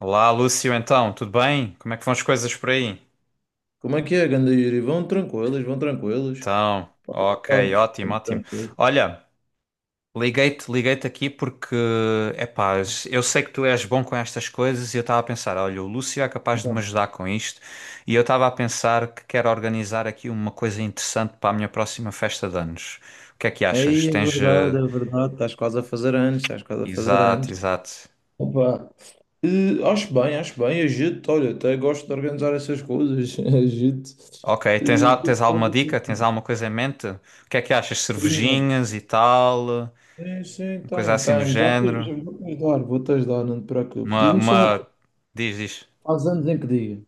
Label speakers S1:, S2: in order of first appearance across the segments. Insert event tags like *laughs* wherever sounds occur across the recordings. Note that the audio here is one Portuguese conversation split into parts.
S1: Olá, Lúcio, então, tudo bem? Como é que vão as coisas por aí?
S2: Como é que é, ganda Yuri? Vão tranquilos, vão tranquilos.
S1: Então, ok,
S2: Sabes?
S1: ótimo,
S2: Tudo
S1: ótimo.
S2: tranquilo.
S1: Olha, liguei-te aqui porque, epá, eu sei que tu és bom com estas coisas e eu estava a pensar, olha, o Lúcio é capaz de me
S2: Então,
S1: ajudar com isto e eu estava a pensar que quero organizar aqui uma coisa interessante para a minha próxima festa de anos. O que é que achas?
S2: aí é
S1: Tens.
S2: verdade, é verdade. Estás quase a fazer anos, estás quase a fazer
S1: Exato,
S2: anos.
S1: exato.
S2: Opa. Acho bem, acho bem. Agito, olha, até gosto de organizar essas coisas. *laughs* Agito.
S1: Ok, tens,
S2: Eh,
S1: al- tens alguma dica? Tens alguma coisa em mente? O que é que achas?
S2: Primeiro.
S1: Cervejinhas e tal?
S2: Sim, sim,
S1: Uma coisa
S2: tenho,
S1: assim do
S2: tenho.
S1: género?
S2: Já vou-te ajudar, não te preocupes.
S1: Uma,
S2: Diz-me só uma
S1: uma...
S2: coisa.
S1: Diz, diz.
S2: Faz anos em que dia?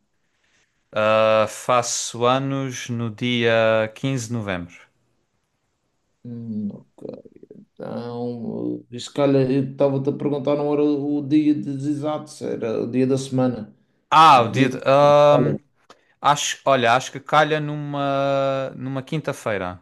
S1: Ah, faço anos no dia 15 de novembro.
S2: Ok. Então, se calhar eu estava-te a perguntar, não era o dia dos exatos, era o dia da semana.
S1: Ah,
S2: Em
S1: o
S2: que
S1: dia.
S2: dia? que- é? Olha,
S1: Olha, acho que calha numa quinta-feira.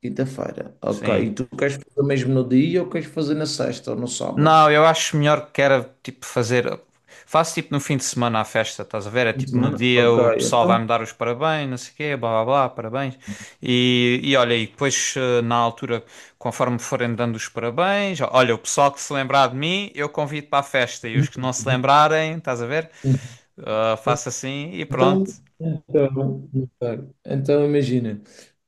S2: quinta-feira. Ok.
S1: Sim.
S2: E tu queres fazer mesmo no dia ou queres fazer na sexta ou no sábado?
S1: Não, eu acho melhor que era tipo fazer. Faço tipo no fim de semana a festa, estás a ver? É
S2: Fim de
S1: tipo no
S2: semana?
S1: dia
S2: Ok,
S1: o pessoal
S2: então.
S1: vai-me dar os parabéns, não sei o quê, blá blá blá, parabéns. E olha, e depois na altura, conforme forem dando os parabéns, olha, o pessoal que se lembrar de mim, eu convido para a festa e os que não se
S2: *laughs*
S1: lembrarem, estás a ver? Ah, faço assim e pronto.
S2: Então imagina,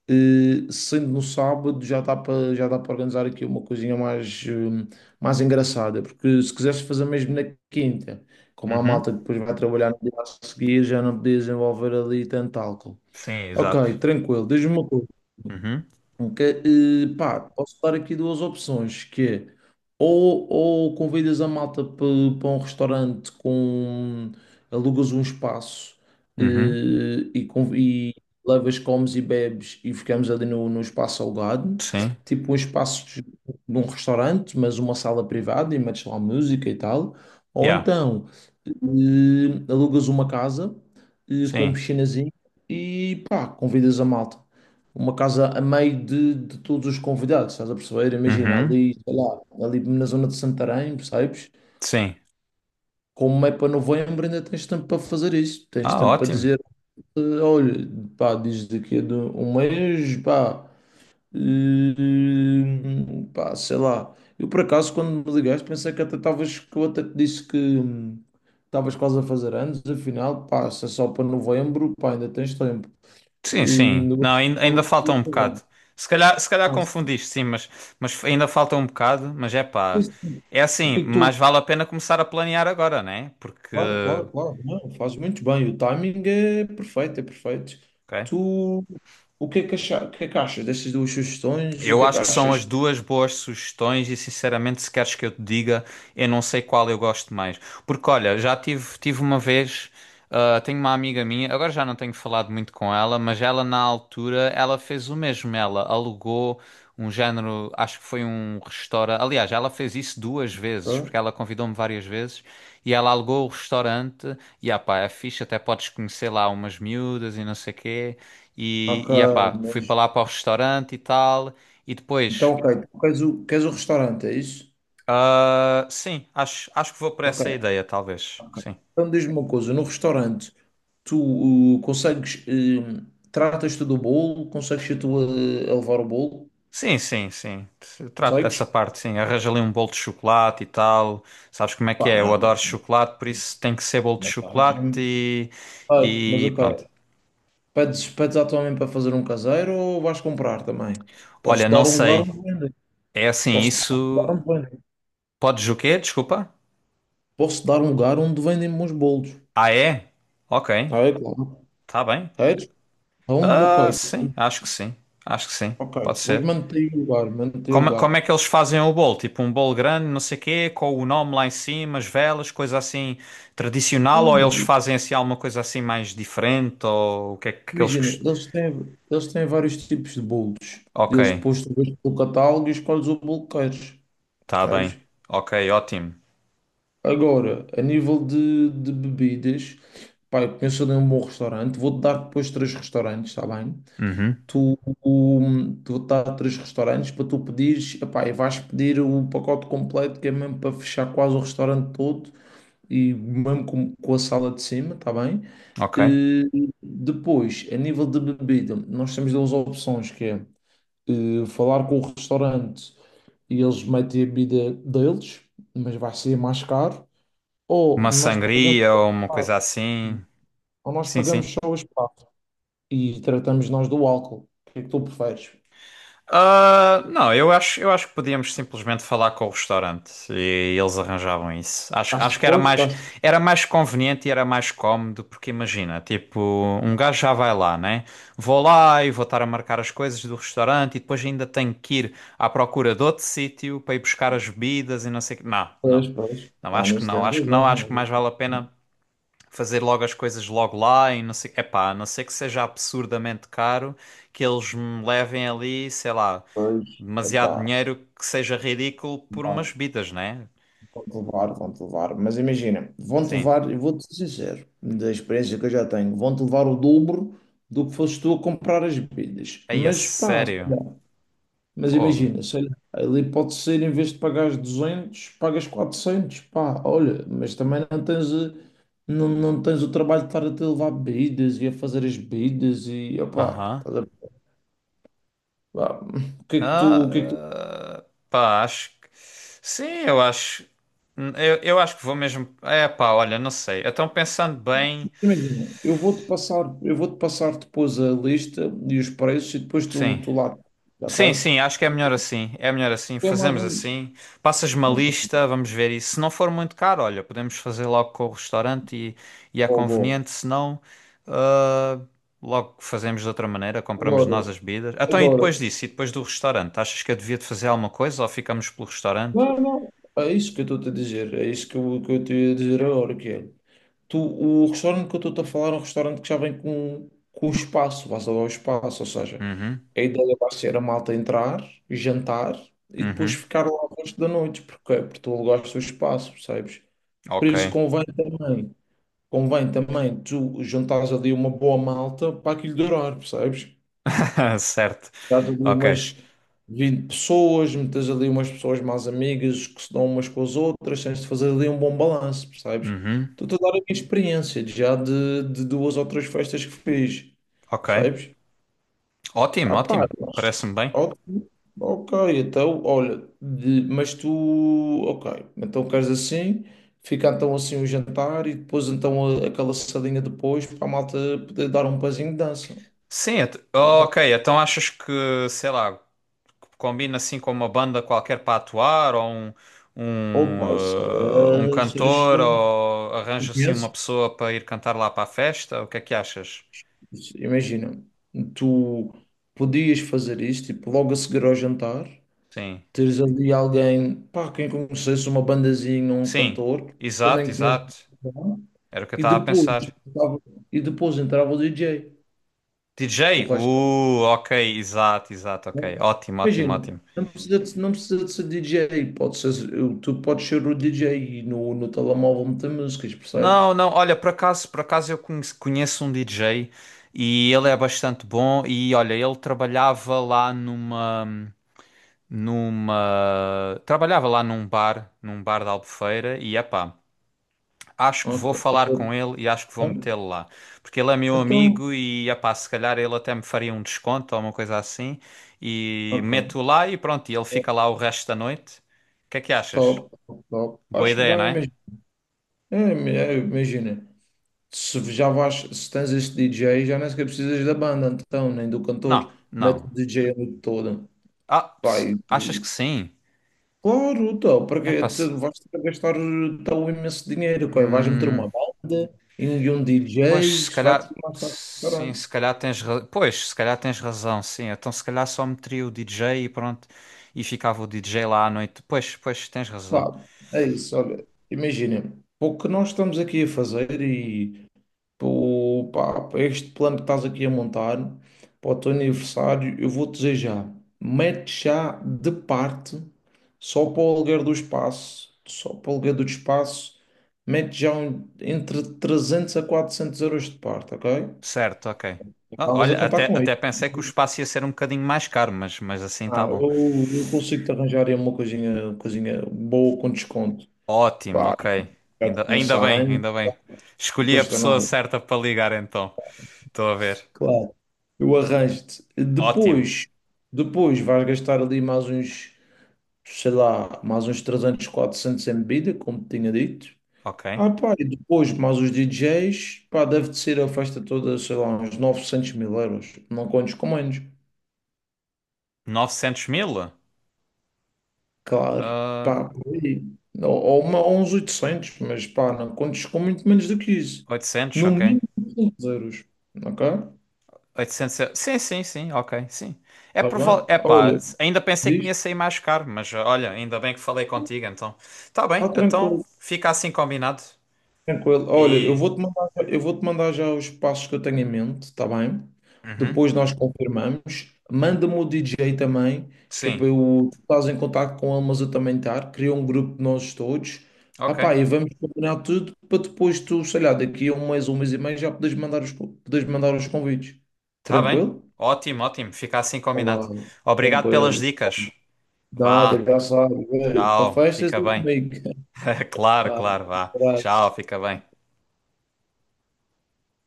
S2: sendo no sábado já dá para organizar aqui uma coisinha mais, mais engraçada, porque se quiseres fazer mesmo na quinta, como a
S1: Uhum.
S2: malta depois vai trabalhar no dia a seguir, já não podias envolver ali tanto álcool.
S1: Sim, exato.
S2: Ok, tranquilo, diz-me uma coisa.
S1: Uhum.
S2: Ok, pá, posso dar aqui duas opções, que é ou convidas a malta para um restaurante com alugas um espaço
S1: Uhum.
S2: e levas, comes e bebes e ficamos ali no espaço alugado,
S1: Sim.
S2: tipo um espaço de um restaurante, mas uma sala privada e metes lá música e tal, ou
S1: Yeah.
S2: então alugas uma casa com
S1: Sim.
S2: piscinazinho e pá, convidas a malta uma casa a meio de todos os convidados, estás a perceber? Imagina,
S1: Uhum.
S2: ali, sei lá, ali na zona de Santarém, percebes?
S1: Sim.
S2: Como é para novembro, ainda tens tempo para fazer isso. Tens
S1: Ah,
S2: tempo para
S1: ótimo.
S2: dizer, olha, pá, diz daqui a de um mês, pá, sei lá. Eu, por acaso, quando me ligaste, pensei que até estavas, que eu até te disse que estavas quase a fazer anos, afinal, pá, se é só para novembro, pá, ainda tens tempo.
S1: Sim, sim.
S2: Eu
S1: Não, ainda,
S2: pensava
S1: ainda
S2: que
S1: falta
S2: seria
S1: um
S2: agora.
S1: bocado. Se calhar confundiste, sim, mas ainda falta um bocado. Mas é
S2: Sim,
S1: pá,
S2: sim.
S1: é
S2: O
S1: assim,
S2: que é que tu.
S1: mas vale a pena começar a planear agora, né? Porque,
S2: Claro, claro, claro. Não, fazes muito bem. O timing é perfeito, é perfeito.
S1: ok?
S2: Tu. O que é que achas destas duas sugestões? O
S1: Eu
S2: que é que
S1: acho que são as
S2: achas?
S1: duas boas sugestões e sinceramente, se queres que eu te diga, eu não sei qual eu gosto mais. Porque olha, já tive uma vez, ah, tenho uma amiga minha, agora já não tenho falado muito com ela, mas ela na altura, ela fez o mesmo, ela alugou um género, acho que foi um restaurante. Aliás, ela fez isso duas vezes,
S2: Hã?
S1: porque ela convidou-me várias vezes e ela alugou o restaurante e ah pá, é fixe, até podes conhecer lá umas miúdas e não sei quê. E,
S2: Ok,
S1: e ah pá, fui
S2: mas.
S1: para lá para o restaurante e tal. E depois,
S2: Então, ok, tu queres o restaurante, é isso?
S1: ah, sim, acho que vou por
S2: Ok,
S1: essa ideia, talvez.
S2: ok.
S1: Sim.
S2: Então diz-me uma coisa: no restaurante, tu consegues. Tratas-te do bolo? Consegues tu a levar o bolo?
S1: Sim, sim, sim. Eu trato
S2: Consegues?
S1: dessa parte, sim. Arranja ali um bolo de chocolate e tal. Sabes como é que
S2: Pá,
S1: é? Eu
S2: não,
S1: adoro
S2: não,
S1: chocolate, por isso tem que ser bolo de
S2: não tá.
S1: chocolate e,
S2: Ai, mas
S1: e pronto.
S2: ok. Pedes à tua mãe para fazer um caseiro ou vais comprar também?
S1: Olha,
S2: Posso
S1: não
S2: dar um lugar
S1: sei.
S2: onde vendem.
S1: É assim,
S2: Posso dar um lugar onde
S1: isso.
S2: vendem.
S1: Podes o quê? Desculpa.
S2: Posso dar um lugar onde vendem bons bolos.
S1: Ah, é? Ok.
S2: Ah, é claro.
S1: Tá bem.
S2: Queres? Então,
S1: Ah,
S2: ok.
S1: sim, acho que sim. Acho que sim.
S2: Ok.
S1: Pode
S2: Vou
S1: ser.
S2: manter o lugar, manter o
S1: Como,
S2: lugar.
S1: como é que eles fazem o bolo? Tipo um bolo grande, não sei quê, com o nome lá em cima, as velas, coisa assim tradicional, ou eles
S2: Hum,
S1: fazem assim alguma coisa assim mais diferente, ou o que é que eles
S2: Imagina,
S1: cost...
S2: eles têm vários tipos de bolos.
S1: Ok,
S2: Eles depois tu vês pelo catálogo e escolhes o bolo que queres.
S1: tá bem.
S2: Sabes?
S1: Ok, ótimo.
S2: Agora, a nível de bebidas, pá, eu conheço ali um bom restaurante. Vou-te dar depois três restaurantes, está bem?
S1: Uhum,
S2: Tu, um, tu tá a três restaurantes para tu pedires, epá, e vais pedir o pacote completo que é mesmo para fechar quase o restaurante todo e mesmo com a sala de cima, tá bem?
S1: ok.
S2: Eh, Depois, a nível de bebida, nós temos duas opções que é falar com o restaurante e eles metem a bebida deles, mas vai ser mais caro, ou
S1: Uma
S2: nós pagamos
S1: sangria
S2: só o
S1: ou uma
S2: espaço,
S1: coisa assim.
S2: ou nós
S1: Sim,
S2: pagamos
S1: sim.
S2: só o espaço e tratamos nós do álcool. O que é que tu preferes?
S1: Ah, não, eu acho que podíamos simplesmente falar com o restaurante e eles arranjavam isso. Acho,
S2: Faz
S1: acho que
S2: esforço, faz.
S1: era mais conveniente e era mais cómodo, porque imagina, tipo, um gajo já vai lá, né? Vou lá e vou estar a marcar as coisas do restaurante e depois ainda tenho que ir à procura de outro sítio para ir buscar as bebidas e não sei o quê. Não, não,
S2: Pois, pois.
S1: não,
S2: Lá
S1: acho que
S2: nisso
S1: não,
S2: tens
S1: acho que não,
S2: razão.
S1: acho que mais vale a
S2: Não é?
S1: pena fazer logo as coisas logo lá e não sei, epá, a não ser que seja absurdamente caro, que eles me levem ali, sei lá
S2: Pois,
S1: demasiado
S2: epá,
S1: dinheiro que seja ridículo por umas
S2: levar,
S1: bebidas, né?
S2: vão-te levar, vão-te levar. Mas imagina, vão-te
S1: Sim.
S2: levar, e vou-te ser sincero, da experiência que eu já tenho, vão-te levar o dobro do que foste tu a comprar as bebidas.
S1: Aí, a
S2: Mas pá, sei
S1: sério.
S2: lá. Mas
S1: Fogo.
S2: imagina, sei lá, ali pode ser, em vez de pagares 200 pagas 400, pá, olha, mas também não tens. Eh, Não, não tens o trabalho de estar a te levar bebidas e a fazer as bebidas e opá.
S1: Aham.
S2: Vá, o que é que tu, o que é que tu-
S1: Pá, acho que. Sim, eu acho. Eu acho que vou mesmo. É, pá, olha, não sei. Então, pensando bem.
S2: Imagina, eu vou-te passar depois a lista e os preços e depois tu,
S1: Sim.
S2: tu lá, ok?
S1: Sim, sim, acho que é melhor assim. É melhor assim.
S2: É mais
S1: Fazemos
S2: um.
S1: assim. Passas-me uma
S2: Uma bom de
S1: lista, vamos ver. E se não for muito caro, olha, podemos fazer logo com o restaurante e é conveniente. Se não, ah, logo fazemos de outra maneira. Compramos
S2: agora,
S1: nós as bebidas. Então, e
S2: agora.
S1: depois disso? E depois do restaurante? Achas que eu devia de fazer alguma coisa ou ficamos pelo restaurante?
S2: Não, não. É isso que eu estou-te a dizer. É isso que eu te ia dizer agora, que é. Tu, o restaurante que eu estou-te a falar é um restaurante que já vem com o espaço, vais alugar espaço, ou seja,
S1: Uhum,
S2: a ideia vai ser a malta entrar, jantar e depois
S1: uhum.
S2: ficar lá o resto da noite, porque, é, porque tu alugaste o espaço, percebes? Por
S1: Ok.
S2: isso convém também tu juntares ali uma boa malta para aquilo durar, percebes?
S1: *laughs* Certo.
S2: Estás ali
S1: Ok.
S2: umas 20 pessoas, metes ali umas pessoas mais amigas que se dão umas com as outras, tens de fazer ali um bom balanço, percebes?
S1: Uhum,
S2: Estou a dar a minha experiência de já de duas ou três festas que fiz,
S1: ok.
S2: percebes? Ah,
S1: Ótimo,
S2: pá,
S1: ótimo. Parece-me bem.
S2: ok, ok, então, olha, mas tu, ok, então queres assim, fica então assim o jantar e depois então aquela sardinha depois para a malta poder dar um pezinho de dança.
S1: Sim, ok. Então achas que, sei lá, combina assim com uma banda qualquer para atuar ou um,
S2: Opa, isso
S1: um, eh, um
S2: era, isso era
S1: cantor
S2: excelente.
S1: ou
S2: Tu
S1: arranja assim uma
S2: conheces?
S1: pessoa para ir cantar lá para a festa? O que é que achas?
S2: Isso, imagina, tu podias fazer isto, tipo, logo a seguir ao jantar,
S1: Sim.
S2: teres ali alguém, pá, quem conhecesse uma bandazinha, um
S1: Sim,
S2: cantor,
S1: exato,
S2: também conheces.
S1: exato. Era o que eu
S2: E
S1: estava a
S2: depois,
S1: pensar.
S2: entrava- e depois entrava o DJ. O
S1: DJ?
S2: resto era
S1: Ok, exato, exato, ok.
S2: bom.
S1: Ótimo, ótimo,
S2: Imagina,
S1: ótimo.
S2: não precisa de ser DJ. Pode ser, tu podes ser o DJ e no telemóvel meter músicas, percebes?
S1: Não, não, olha, por acaso eu conheço um DJ e ele é bastante bom e olha, ele trabalhava lá numa numa. Trabalhava lá num bar da Albufeira, e epá, acho que vou
S2: Ok.
S1: falar com ele e acho que vou metê-lo lá. Porque ele é meu
S2: Então,
S1: amigo e epá, se calhar ele até me faria um desconto ou uma coisa assim. E
S2: ok.
S1: meto lá e pronto, e ele fica lá o resto da noite. O que é que achas?
S2: Top, top, top.
S1: Boa
S2: Acho
S1: ideia, não
S2: bem,
S1: é?
S2: mas é, é, imagina. Se já vais, se tens este DJ, já nem sequer precisas da banda, então, nem do cantor.
S1: Não,
S2: Mete o
S1: não.
S2: DJ a noite toda.
S1: Ah,
S2: Vai.
S1: achas que sim?
S2: Claro, então, porque
S1: Epá, se...
S2: tu vais ter que gastar tão imenso dinheiro, coi, vais meter
S1: hum.
S2: uma banda e um
S1: Pois,
S2: DJ,
S1: se
S2: isso vai ter
S1: calhar,
S2: mais caro que o
S1: sim,
S2: caralho.
S1: se calhar tens, ra- pois, se calhar tens razão, sim. Então, se calhar só meteria o DJ e pronto, e ficava o DJ lá à noite. Pois, pois, tens razão.
S2: Pá, é isso, olha, imagina, pô, o que nós estamos aqui a fazer e pô, pá, este plano que estás aqui a montar para o teu aniversário, eu vou dizer já, mete já de parte, só para o aluguer do espaço, só para o aluguer do espaço, mete entre 300 a 400 euros de parte, ok?
S1: Certo, ok. Ah,
S2: Estavas a
S1: olha, até,
S2: contar com
S1: até
S2: isso.
S1: pensei que o espaço ia ser um bocadinho mais caro, mas assim
S2: Ah,
S1: tá bom.
S2: eu consigo te arranjar aí uma coisinha boa com desconto.
S1: Ótimo,
S2: Pá,
S1: ok.
S2: já te
S1: Ainda,
S2: conheço
S1: ainda
S2: há
S1: bem,
S2: anos,
S1: ainda bem.
S2: não
S1: Escolhi a
S2: custa
S1: pessoa
S2: nada.
S1: certa para ligar então. Estou a ver.
S2: Claro. Eu arranjo-te.
S1: Ótimo,
S2: Depois vais gastar ali mais uns, sei lá, mais uns 300, 400 em bebida, como te tinha dito.
S1: ok.
S2: Ah, pá, e depois mais os DJs, pá, deve de ser a festa toda, sei lá, uns 900 mil euros. Não contes com menos.
S1: 900 mil?
S2: Claro,
S1: Ah,
S2: pá, por aí. Ou uns 800, mas pá, não contes com muito menos do que isso.
S1: 800,
S2: No
S1: ok.
S2: mínimo 500 euros, ok?
S1: 800 euros. Sim, sim, sim, ok, sim. É
S2: Está
S1: provável.
S2: bem?
S1: É pá,
S2: Olha,
S1: ainda pensei que me
S2: diz,
S1: ia sair mais caro, mas ah, olha, ainda bem que falei contigo, então. Tá bem,
S2: está
S1: então
S2: tranquilo.
S1: fica assim combinado.
S2: Tranquilo. Olha, eu
S1: E.
S2: vou-te mandar, eu vou-te mandar já os passos que eu tenho em mente, está bem?
S1: Uhum,
S2: Depois nós confirmamos. Manda-me o DJ também, que é
S1: sim,
S2: para eu estás em contato com ele, mas eu também estar. Cria um grupo de nós todos. Ah pá,
S1: ok.
S2: e vamos combinar tudo para depois tu, sei lá, daqui a um mês e meio já podes mandar podes mandar os convites.
S1: Tá bem.
S2: Tranquilo?
S1: Ótimo, ótimo, fica assim combinado.
S2: Olá,
S1: Obrigado pelas
S2: tranquilo.
S1: dicas.
S2: Nada,
S1: Vá,
S2: já sabes. Para
S1: tchau,
S2: festas
S1: fica
S2: é
S1: bem.
S2: comigo.
S1: *laughs* Claro,
S2: Vá,
S1: claro,
S2: um
S1: vá. Tchau,
S2: abraço.
S1: fica bem.